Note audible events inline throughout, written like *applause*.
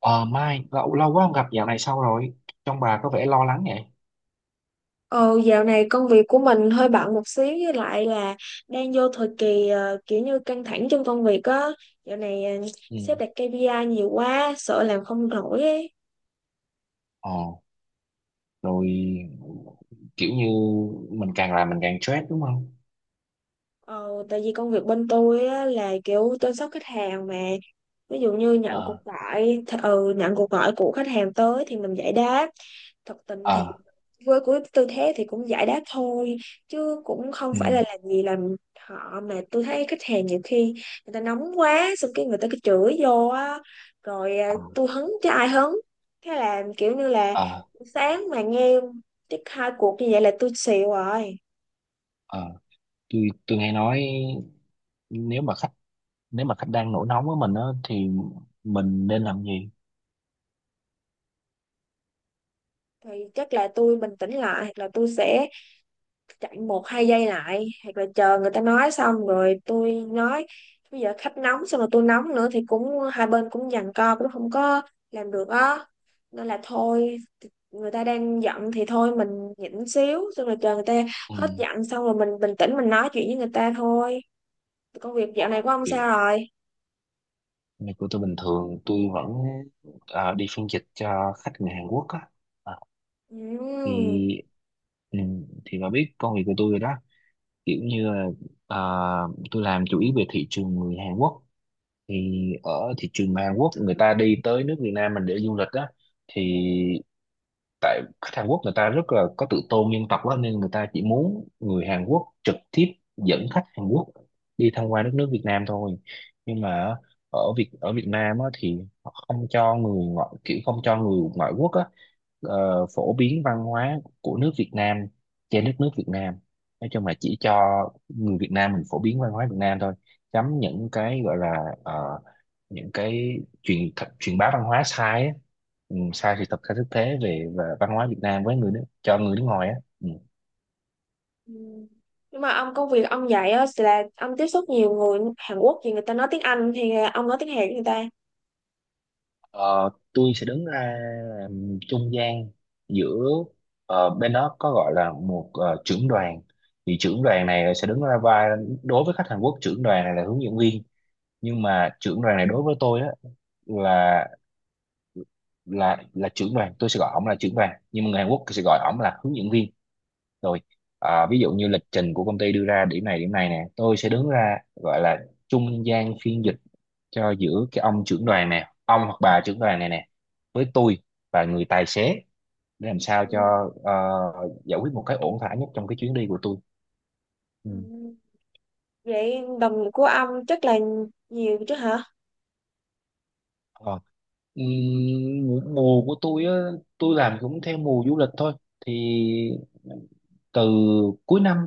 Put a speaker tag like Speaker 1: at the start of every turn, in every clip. Speaker 1: Ờ Mai, lâu quá không gặp dạo này sao rồi? Trong bà có vẻ lo lắng vậy.
Speaker 2: Ờ, dạo này công việc của mình hơi bận một xíu với lại là đang vô thời kỳ kiểu như căng thẳng trong công việc á. Dạo này sếp
Speaker 1: Ừ.
Speaker 2: đặt KPI nhiều quá, sợ làm không nổi ấy.
Speaker 1: Ờ, Rồi kiểu như mình càng làm mình càng stress đúng không?
Speaker 2: Ờ, tại vì công việc bên tôi á, là kiểu chăm sóc khách hàng mà ví dụ như
Speaker 1: Ờ.
Speaker 2: nhận cuộc gọi của khách hàng tới thì mình giải đáp. Thật tình thì
Speaker 1: Ờ.
Speaker 2: với cái tư thế thì cũng giải đáp thôi, chứ cũng không
Speaker 1: Ừ.
Speaker 2: phải là làm gì làm họ. Mà tôi thấy khách hàng nhiều khi người ta nóng quá, xong cái người ta cứ chửi vô á, rồi à,
Speaker 1: Ờ.
Speaker 2: tôi hứng chứ ai hứng. Thế là kiểu như là
Speaker 1: Ờ.
Speaker 2: sáng mà nghe chắc hai cuộc như vậy là tôi xỉu rồi.
Speaker 1: Ờ. Tôi nghe nói nếu mà khách nếu mà khách đang nổi nóng với mình á thì mình nên làm gì?
Speaker 2: Thì chắc là tôi bình tĩnh lại, hoặc là tôi sẽ chạy một hai giây lại, hoặc là chờ người ta nói xong rồi tôi nói. Bây giờ khách nóng, xong rồi tôi nóng nữa thì cũng hai bên cũng giằng co, cũng không có làm được á. Nên là thôi, người ta đang giận thì thôi mình nhịn xíu, xong rồi chờ người ta
Speaker 1: Ừ,
Speaker 2: hết giận, xong rồi mình bình tĩnh mình nói chuyện với người ta thôi. Công việc dạo này của ông
Speaker 1: kiểu
Speaker 2: sao rồi?
Speaker 1: này của tôi bình thường tôi vẫn đi phiên dịch cho khách người Hàn Quốc á. Ờ,
Speaker 2: Ừm.
Speaker 1: thì ừ, thì bà biết công việc của tôi rồi đó, kiểu như là à, tôi làm chủ yếu về thị trường người Hàn Quốc, thì ở thị trường Hàn Quốc người ta đi tới nước Việt Nam mình để du lịch á. Thì tại khách Hàn Quốc người ta rất là có tự tôn dân tộc á, nên người ta chỉ muốn người Hàn Quốc trực tiếp dẫn khách Hàn Quốc đi tham quan đất nước Việt Nam thôi. Nhưng mà ở Việt Nam á, thì họ không cho người ngoại, kiểu không cho người ngoại quốc á, phổ biến văn hóa của nước Việt Nam trên đất nước Việt Nam, nói chung là chỉ cho người Việt Nam mình phổ biến văn hóa Việt Nam thôi, chấm những cái gọi là những cái truyền bá văn hóa sai á. Ừ, sai sự thật, sai thực tế về và văn hóa Việt Nam với người nước cho người nước ngoài á, ừ.
Speaker 2: Ừm. Nhưng mà ông công việc ông dạy á là ông tiếp xúc nhiều người Hàn Quốc, thì người ta nói tiếng Anh thì ông nói tiếng Hàn với người ta?
Speaker 1: Ờ, tôi sẽ đứng ra làm trung gian giữa, bên đó có gọi là một trưởng đoàn, thì trưởng đoàn này sẽ đứng ra vai, đối với khách Hàn Quốc trưởng đoàn này là hướng dẫn viên, nhưng mà trưởng đoàn này đối với tôi á là là trưởng đoàn, tôi sẽ gọi ổng là trưởng đoàn nhưng mà người Hàn Quốc sẽ gọi ổng là hướng dẫn viên. Rồi ví
Speaker 2: Ừm.
Speaker 1: dụ như lịch trình của công ty đưa ra điểm này nè, tôi sẽ đứng ra gọi là trung gian phiên dịch cho giữa cái ông trưởng đoàn nè, ông hoặc bà trưởng đoàn này nè, với tôi và người tài xế, để làm sao
Speaker 2: Ừm.
Speaker 1: cho giải quyết một cái ổn thỏa nhất trong cái chuyến đi của tôi, ừ.
Speaker 2: Ừ. Vậy đồng của ông chắc là nhiều chứ hả?
Speaker 1: Ờ. Ừm, mùa mùa của tôi á, tôi làm cũng theo mùa du lịch thôi, thì từ cuối năm,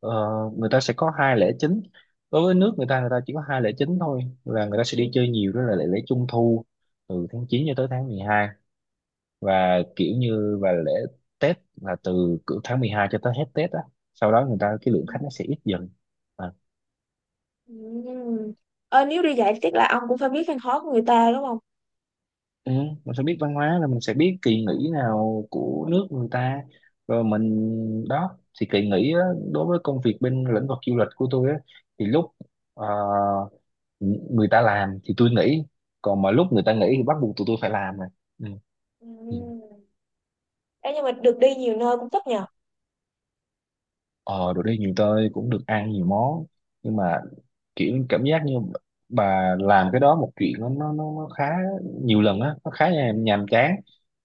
Speaker 1: ờ, người ta sẽ có hai lễ chính. Đối với nước người ta, người ta chỉ có hai lễ chính thôi, là người ta sẽ đi chơi nhiều, đó là lễ lễ Trung thu từ tháng 9 cho tới tháng 12, và kiểu như và lễ Tết là từ cỡ tháng 12 cho tới hết Tết á. Sau đó người ta cái
Speaker 2: Ừ.
Speaker 1: lượng khách nó sẽ ít dần.
Speaker 2: Ừ. Ờ, nếu đi dạy chắc là ông cũng phải biết khăn khó của người ta đúng không?
Speaker 1: Ừ, mình phải biết văn hóa là mình sẽ biết kỳ nghỉ nào của nước người ta, rồi mình đó thì kỳ nghỉ á, đối với công việc bên lĩnh vực du lịch của tôi á, thì lúc ờ, người ta làm thì tôi nghỉ, còn mà lúc người ta nghỉ thì bắt buộc tụi tôi phải làm rồi, ừ.
Speaker 2: Ừ.
Speaker 1: Ừ.
Speaker 2: Ê, nhưng mà được đi nhiều nơi cũng thích nhờ.
Speaker 1: ờ Rồi đi nhiều tôi cũng được ăn nhiều món, nhưng mà kiểu cảm giác như bà làm cái đó một chuyện, nó khá nhiều lần á, nó khá nhàm chán.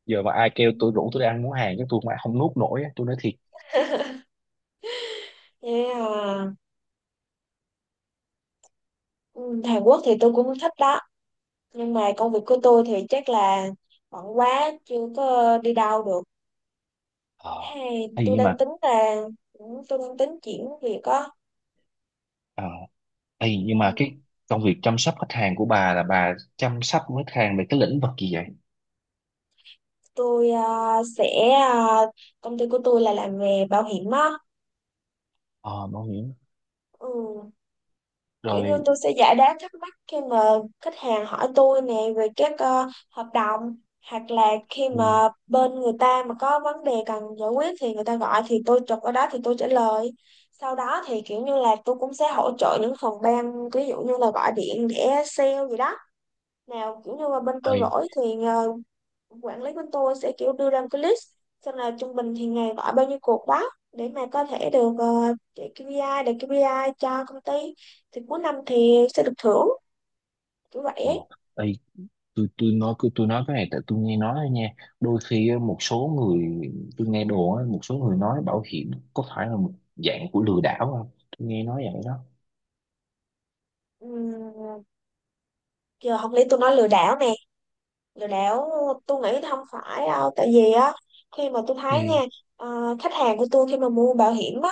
Speaker 1: Giờ mà ai kêu tôi rủ
Speaker 2: Ừ.
Speaker 1: tôi đi ăn món Hàn chứ tôi mà không nuốt nổi á, tôi nói thiệt.
Speaker 2: *laughs* Yeah. Ừ, Hàn Quốc thì tôi cũng thích đó. Nhưng mà công việc của tôi thì chắc là bận quá, chưa có đi đâu được.
Speaker 1: ờ
Speaker 2: Hay
Speaker 1: thì
Speaker 2: tôi
Speaker 1: nhưng mà
Speaker 2: đang tính là, ừ, tôi đang tính chuyển việc á.
Speaker 1: ờ thì
Speaker 2: Ừ.
Speaker 1: nhưng mà cái công việc chăm sóc khách hàng của bà là bà chăm sóc khách hàng về cái lĩnh vực gì vậy?
Speaker 2: Tôi à, sẽ, à, công ty của tôi là làm về bảo hiểm á.
Speaker 1: Ờ Bảo hiểm.
Speaker 2: Ừ. Kiểu như
Speaker 1: Rồi,
Speaker 2: tôi sẽ giải đáp thắc mắc khi mà khách hàng hỏi tôi nè về các hợp đồng, hoặc là khi
Speaker 1: ừ,
Speaker 2: mà bên người ta mà có vấn đề cần giải quyết thì người ta gọi thì tôi chụp ở đó thì tôi trả lời. Sau đó thì kiểu như là tôi cũng sẽ hỗ trợ những phòng ban, ví dụ như là gọi điện để sale gì đó, nào kiểu như là bên tôi rỗi thì quản lý của tôi sẽ kiểu đưa ra một cái list, xem là trung bình thì ngày gọi bao nhiêu cuộc báo, để mà có thể được chạy KPI, để KPI cho công ty, thì cuối năm thì sẽ được thưởng, kiểu vậy ấy.
Speaker 1: thì tôi nói, cứ tôi nói cái này tại tôi nghe nói thôi nha, đôi khi á, một số người, tôi nghe đồn á, một số người nói bảo hiểm có phải là một dạng của lừa đảo không? Tôi nghe nói vậy đó.
Speaker 2: Ừm, giờ học lý tôi nói lừa đảo nè, lừa đảo tôi nghĩ không phải đâu, tại vì á khi mà tôi
Speaker 1: Ừ.
Speaker 2: thấy nha, khách hàng của tôi khi mà mua bảo hiểm á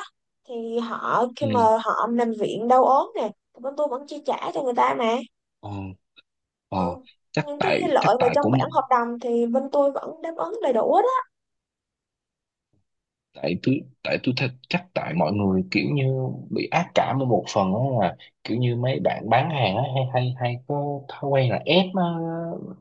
Speaker 2: thì họ khi mà
Speaker 1: Ừ.
Speaker 2: họ nằm viện đau ốm nè thì bên tôi vẫn chi trả cho người ta mà.
Speaker 1: Ờ. Ờ.
Speaker 2: Ờ,
Speaker 1: chắc
Speaker 2: những cái
Speaker 1: tại chắc
Speaker 2: lợi mà
Speaker 1: tại
Speaker 2: trong bản
Speaker 1: cũng,
Speaker 2: hợp đồng thì bên tôi vẫn đáp ứng đầy đủ hết á.
Speaker 1: tại tôi thật, chắc tại mọi người kiểu như bị ác cảm ở một phần á, là kiểu như mấy bạn bán hàng á hay hay hay có thói quen là ép,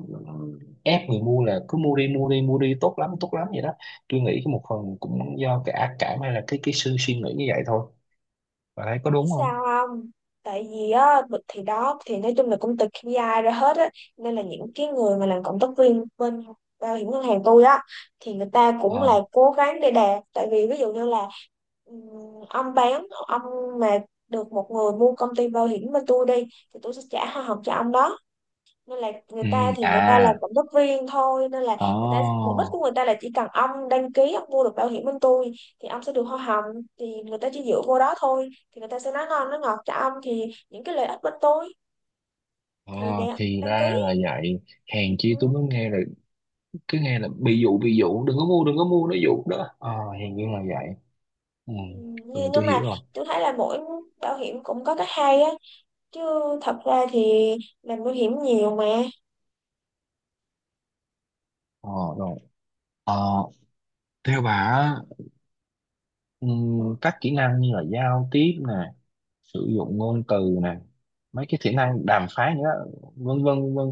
Speaker 1: ép người mua là cứ mua đi mua đi, tốt lắm vậy đó. Tôi nghĩ cái một phần cũng do cái ác cảm, hay là cái sự suy nghĩ như vậy thôi. Bạn thấy có
Speaker 2: Biết
Speaker 1: đúng
Speaker 2: sao
Speaker 1: không?
Speaker 2: không, tại vì á bực thì đó thì nói chung là cũng từ KPI ra hết á. Nên là những cái người mà làm cộng tác viên bên bảo hiểm ngân hàng tôi á thì người ta cũng
Speaker 1: Ờ.
Speaker 2: là cố gắng để đạt, tại vì ví dụ như là ừm, ông bán, ông mà được một người mua công ty bảo hiểm bên tôi đi thì tôi sẽ trả hoa hồng cho ông đó. Nên là người
Speaker 1: Ừ.
Speaker 2: ta thì người ta làm
Speaker 1: À.
Speaker 2: cộng tác viên thôi, nên là
Speaker 1: Ờ.
Speaker 2: người ta mục đích của người ta là chỉ cần ông đăng ký ông mua được bảo hiểm bên tôi thì ông sẽ được hoa hồng, thì người ta chỉ dựa vô đó thôi, thì người ta sẽ nói ngon nói ngọt cho ông thì những cái lợi ích bên tôi
Speaker 1: Ờ,
Speaker 2: thì để ông
Speaker 1: thì
Speaker 2: đăng
Speaker 1: ra
Speaker 2: ký.
Speaker 1: là vậy, hèn chi tôi
Speaker 2: Ừ.
Speaker 1: mới nghe là cứ nghe là bị dụ, đừng có mua, nó dụ đó, ờ, hèn chi là vậy. Ừ,
Speaker 2: Ừ,
Speaker 1: rồi
Speaker 2: nhưng
Speaker 1: tôi hiểu
Speaker 2: mà
Speaker 1: rồi.
Speaker 2: tôi thấy là mỗi bảo hiểm cũng có cái hay á, chứ thật ra thì làm bảo hiểm nhiều mà.
Speaker 1: Ờ, rồi. Ờ, theo bà á, các kỹ năng như là giao tiếp nè, sử dụng ngôn từ nè, mấy cái kỹ năng đàm phán nữa, vân vân vân vân.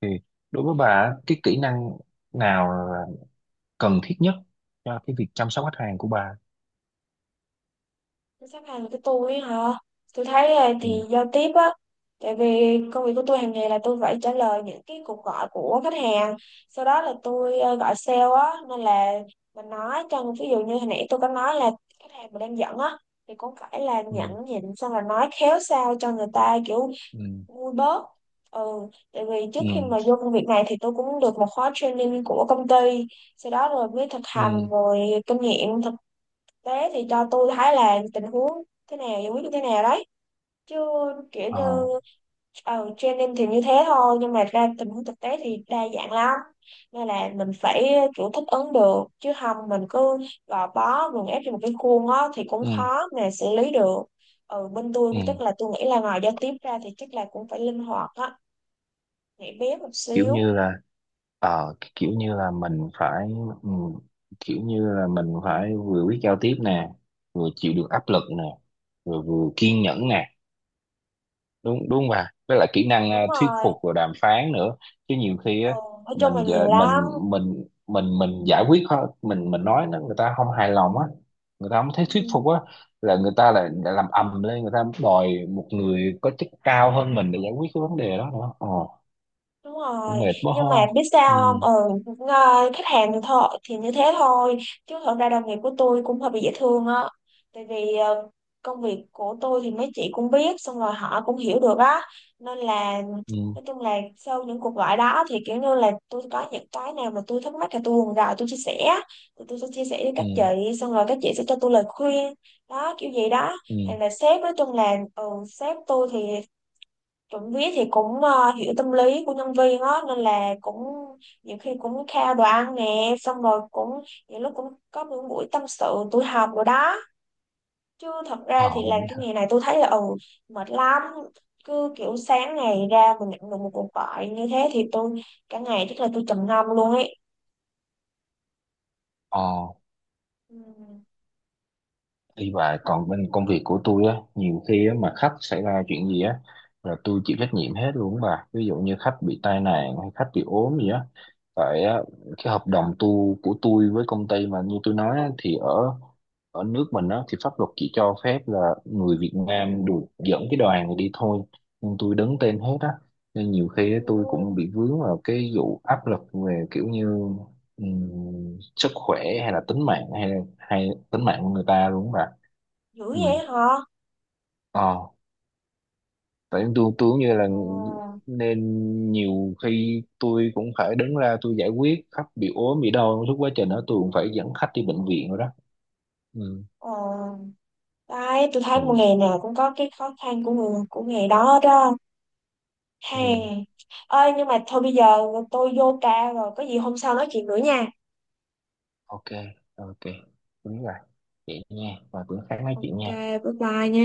Speaker 1: Thì đối với bà á, cái kỹ năng nào là cần thiết nhất cho cái việc chăm sóc khách hàng của bà?
Speaker 2: Sắp hàng của tôi hả? Tôi thấy là
Speaker 1: Ừ.
Speaker 2: thì giao tiếp á, tại vì công việc của tôi hàng ngày là tôi phải trả lời những cái cuộc gọi của khách hàng, sau đó là tôi gọi sale á. Nên là mình nói cho ví dụ như hồi nãy tôi có nói là khách hàng mà đang giận á thì cũng phải là
Speaker 1: Ừ.
Speaker 2: nhẫn nhịn, xong rồi nói khéo sao cho người ta kiểu
Speaker 1: Ừ.
Speaker 2: vui bớt. Ừ, tại vì
Speaker 1: Ừ.
Speaker 2: trước khi mà vô công việc này thì tôi cũng được một khóa training của công ty, sau đó rồi mới thực hành,
Speaker 1: Ừ.
Speaker 2: rồi kinh nghiệm. Thế thì cho tôi thấy là tình huống thế nào giải quyết như thế nào đấy. Chứ kiểu
Speaker 1: Ờ.
Speaker 2: như ờ, training thì như thế thôi, nhưng mà ra tình huống thực tế thì đa dạng lắm. Nên là mình phải kiểu thích ứng được, chứ không mình cứ gò bó gượng ép trong một cái khuôn á thì cũng
Speaker 1: Ừ.
Speaker 2: khó mà xử lý được. Ừ, bên tôi chắc
Speaker 1: Ừ.
Speaker 2: là tôi nghĩ là ngoài giao tiếp ra thì chắc là cũng phải linh hoạt á, nhảy bén một
Speaker 1: Kiểu
Speaker 2: xíu.
Speaker 1: như là, kiểu như là mình phải, ừ, kiểu như là mình phải vừa biết giao tiếp nè, vừa chịu được áp lực nè, vừa vừa kiên nhẫn nè, đúng đúng không bà, với lại kỹ năng
Speaker 2: Đúng
Speaker 1: thuyết
Speaker 2: rồi,
Speaker 1: phục và đàm phán nữa, chứ nhiều khi
Speaker 2: ừ,
Speaker 1: á,
Speaker 2: nói chung là
Speaker 1: mình
Speaker 2: nhiều
Speaker 1: giờ
Speaker 2: lắm.
Speaker 1: mình giải quyết mình nói nó người ta không hài lòng á, người ta không thấy thuyết
Speaker 2: Ừ.
Speaker 1: phục á, là người ta lại lại làm ầm lên, người ta đòi một người có chức cao hơn mình để giải quyết cái vấn đề đó nữa, ờ,
Speaker 2: Đúng
Speaker 1: cũng
Speaker 2: rồi,
Speaker 1: mệt quá
Speaker 2: nhưng mà
Speaker 1: ho.
Speaker 2: biết
Speaker 1: Ừ.
Speaker 2: sao không? Ừ, khách hàng thì thôi thì như thế thôi, chứ thật ra đồng nghiệp của tôi cũng hơi bị dễ thương á. Tại vì công việc của tôi thì mấy chị cũng biết, xong rồi họ cũng hiểu được á. Nên là
Speaker 1: Ừ.
Speaker 2: nói chung là sau những cuộc gọi đó thì kiểu như là tôi có những cái nào mà tôi thắc mắc thì tôi còn rồi tôi chia sẻ, thì tôi sẽ chia sẻ với
Speaker 1: Ừ.
Speaker 2: các chị, xong rồi các chị sẽ cho tôi lời khuyên, đó kiểu gì đó.
Speaker 1: Ừ.
Speaker 2: Hay là sếp nói chung là ừ, sếp tôi thì Chuẩn viết thì cũng hiểu tâm lý của nhân viên á, nên là cũng nhiều khi cũng khao đồ ăn nè, xong rồi cũng những lúc cũng có những buổi tâm sự tụi học rồi đó. Chứ thật ra
Speaker 1: ờ
Speaker 2: thì làm
Speaker 1: nghĩ-
Speaker 2: cái nghề này tôi thấy là ừ, mệt lắm. Cứ kiểu sáng ngày ra mình nhận được một cuộc gọi như thế thì tôi cả ngày chắc là tôi trầm ngâm luôn ấy,
Speaker 1: ờ,
Speaker 2: ừ.
Speaker 1: đi và còn bên công việc của tôi á, nhiều khi á, mà khách xảy ra chuyện gì á là tôi chịu trách nhiệm hết luôn bà, ví dụ như khách bị tai nạn hay khách bị ốm gì á, tại á, cái hợp đồng tu của tôi với công ty, mà như tôi nói á, thì ở ở nước mình á thì pháp luật chỉ cho phép là người Việt Nam được dẫn cái đoàn này đi thôi, nhưng tôi đứng tên hết á, nên nhiều khi
Speaker 2: Ừ.
Speaker 1: tôi cũng bị vướng vào cái vụ áp lực về kiểu như sức khỏe hay là tính mạng, hay hay tính mạng của người ta luôn mà,
Speaker 2: Dữ
Speaker 1: ừ.
Speaker 2: vậy hả?
Speaker 1: ờ tại Tôi cũng như là,
Speaker 2: Ờ.
Speaker 1: nên nhiều khi tôi cũng phải đứng ra tôi giải quyết khách bị ốm bị đau, suốt quá trình đó tôi cũng phải dẫn khách đi bệnh viện rồi đó, ừ.
Speaker 2: Ờ. Đấy, tôi thấy một
Speaker 1: Ừ.
Speaker 2: nghề nào cũng có cái khó khăn của người của nghề đó đó. Hè.
Speaker 1: Ừ.
Speaker 2: Ơi nhưng mà thôi bây giờ tôi vô ca rồi, có gì hôm sau nói chuyện nữa nha.
Speaker 1: OK. OK, đúng rồi, vậy nha, và cũng khá nói
Speaker 2: Ok,
Speaker 1: chuyện nha.
Speaker 2: bye bye nha.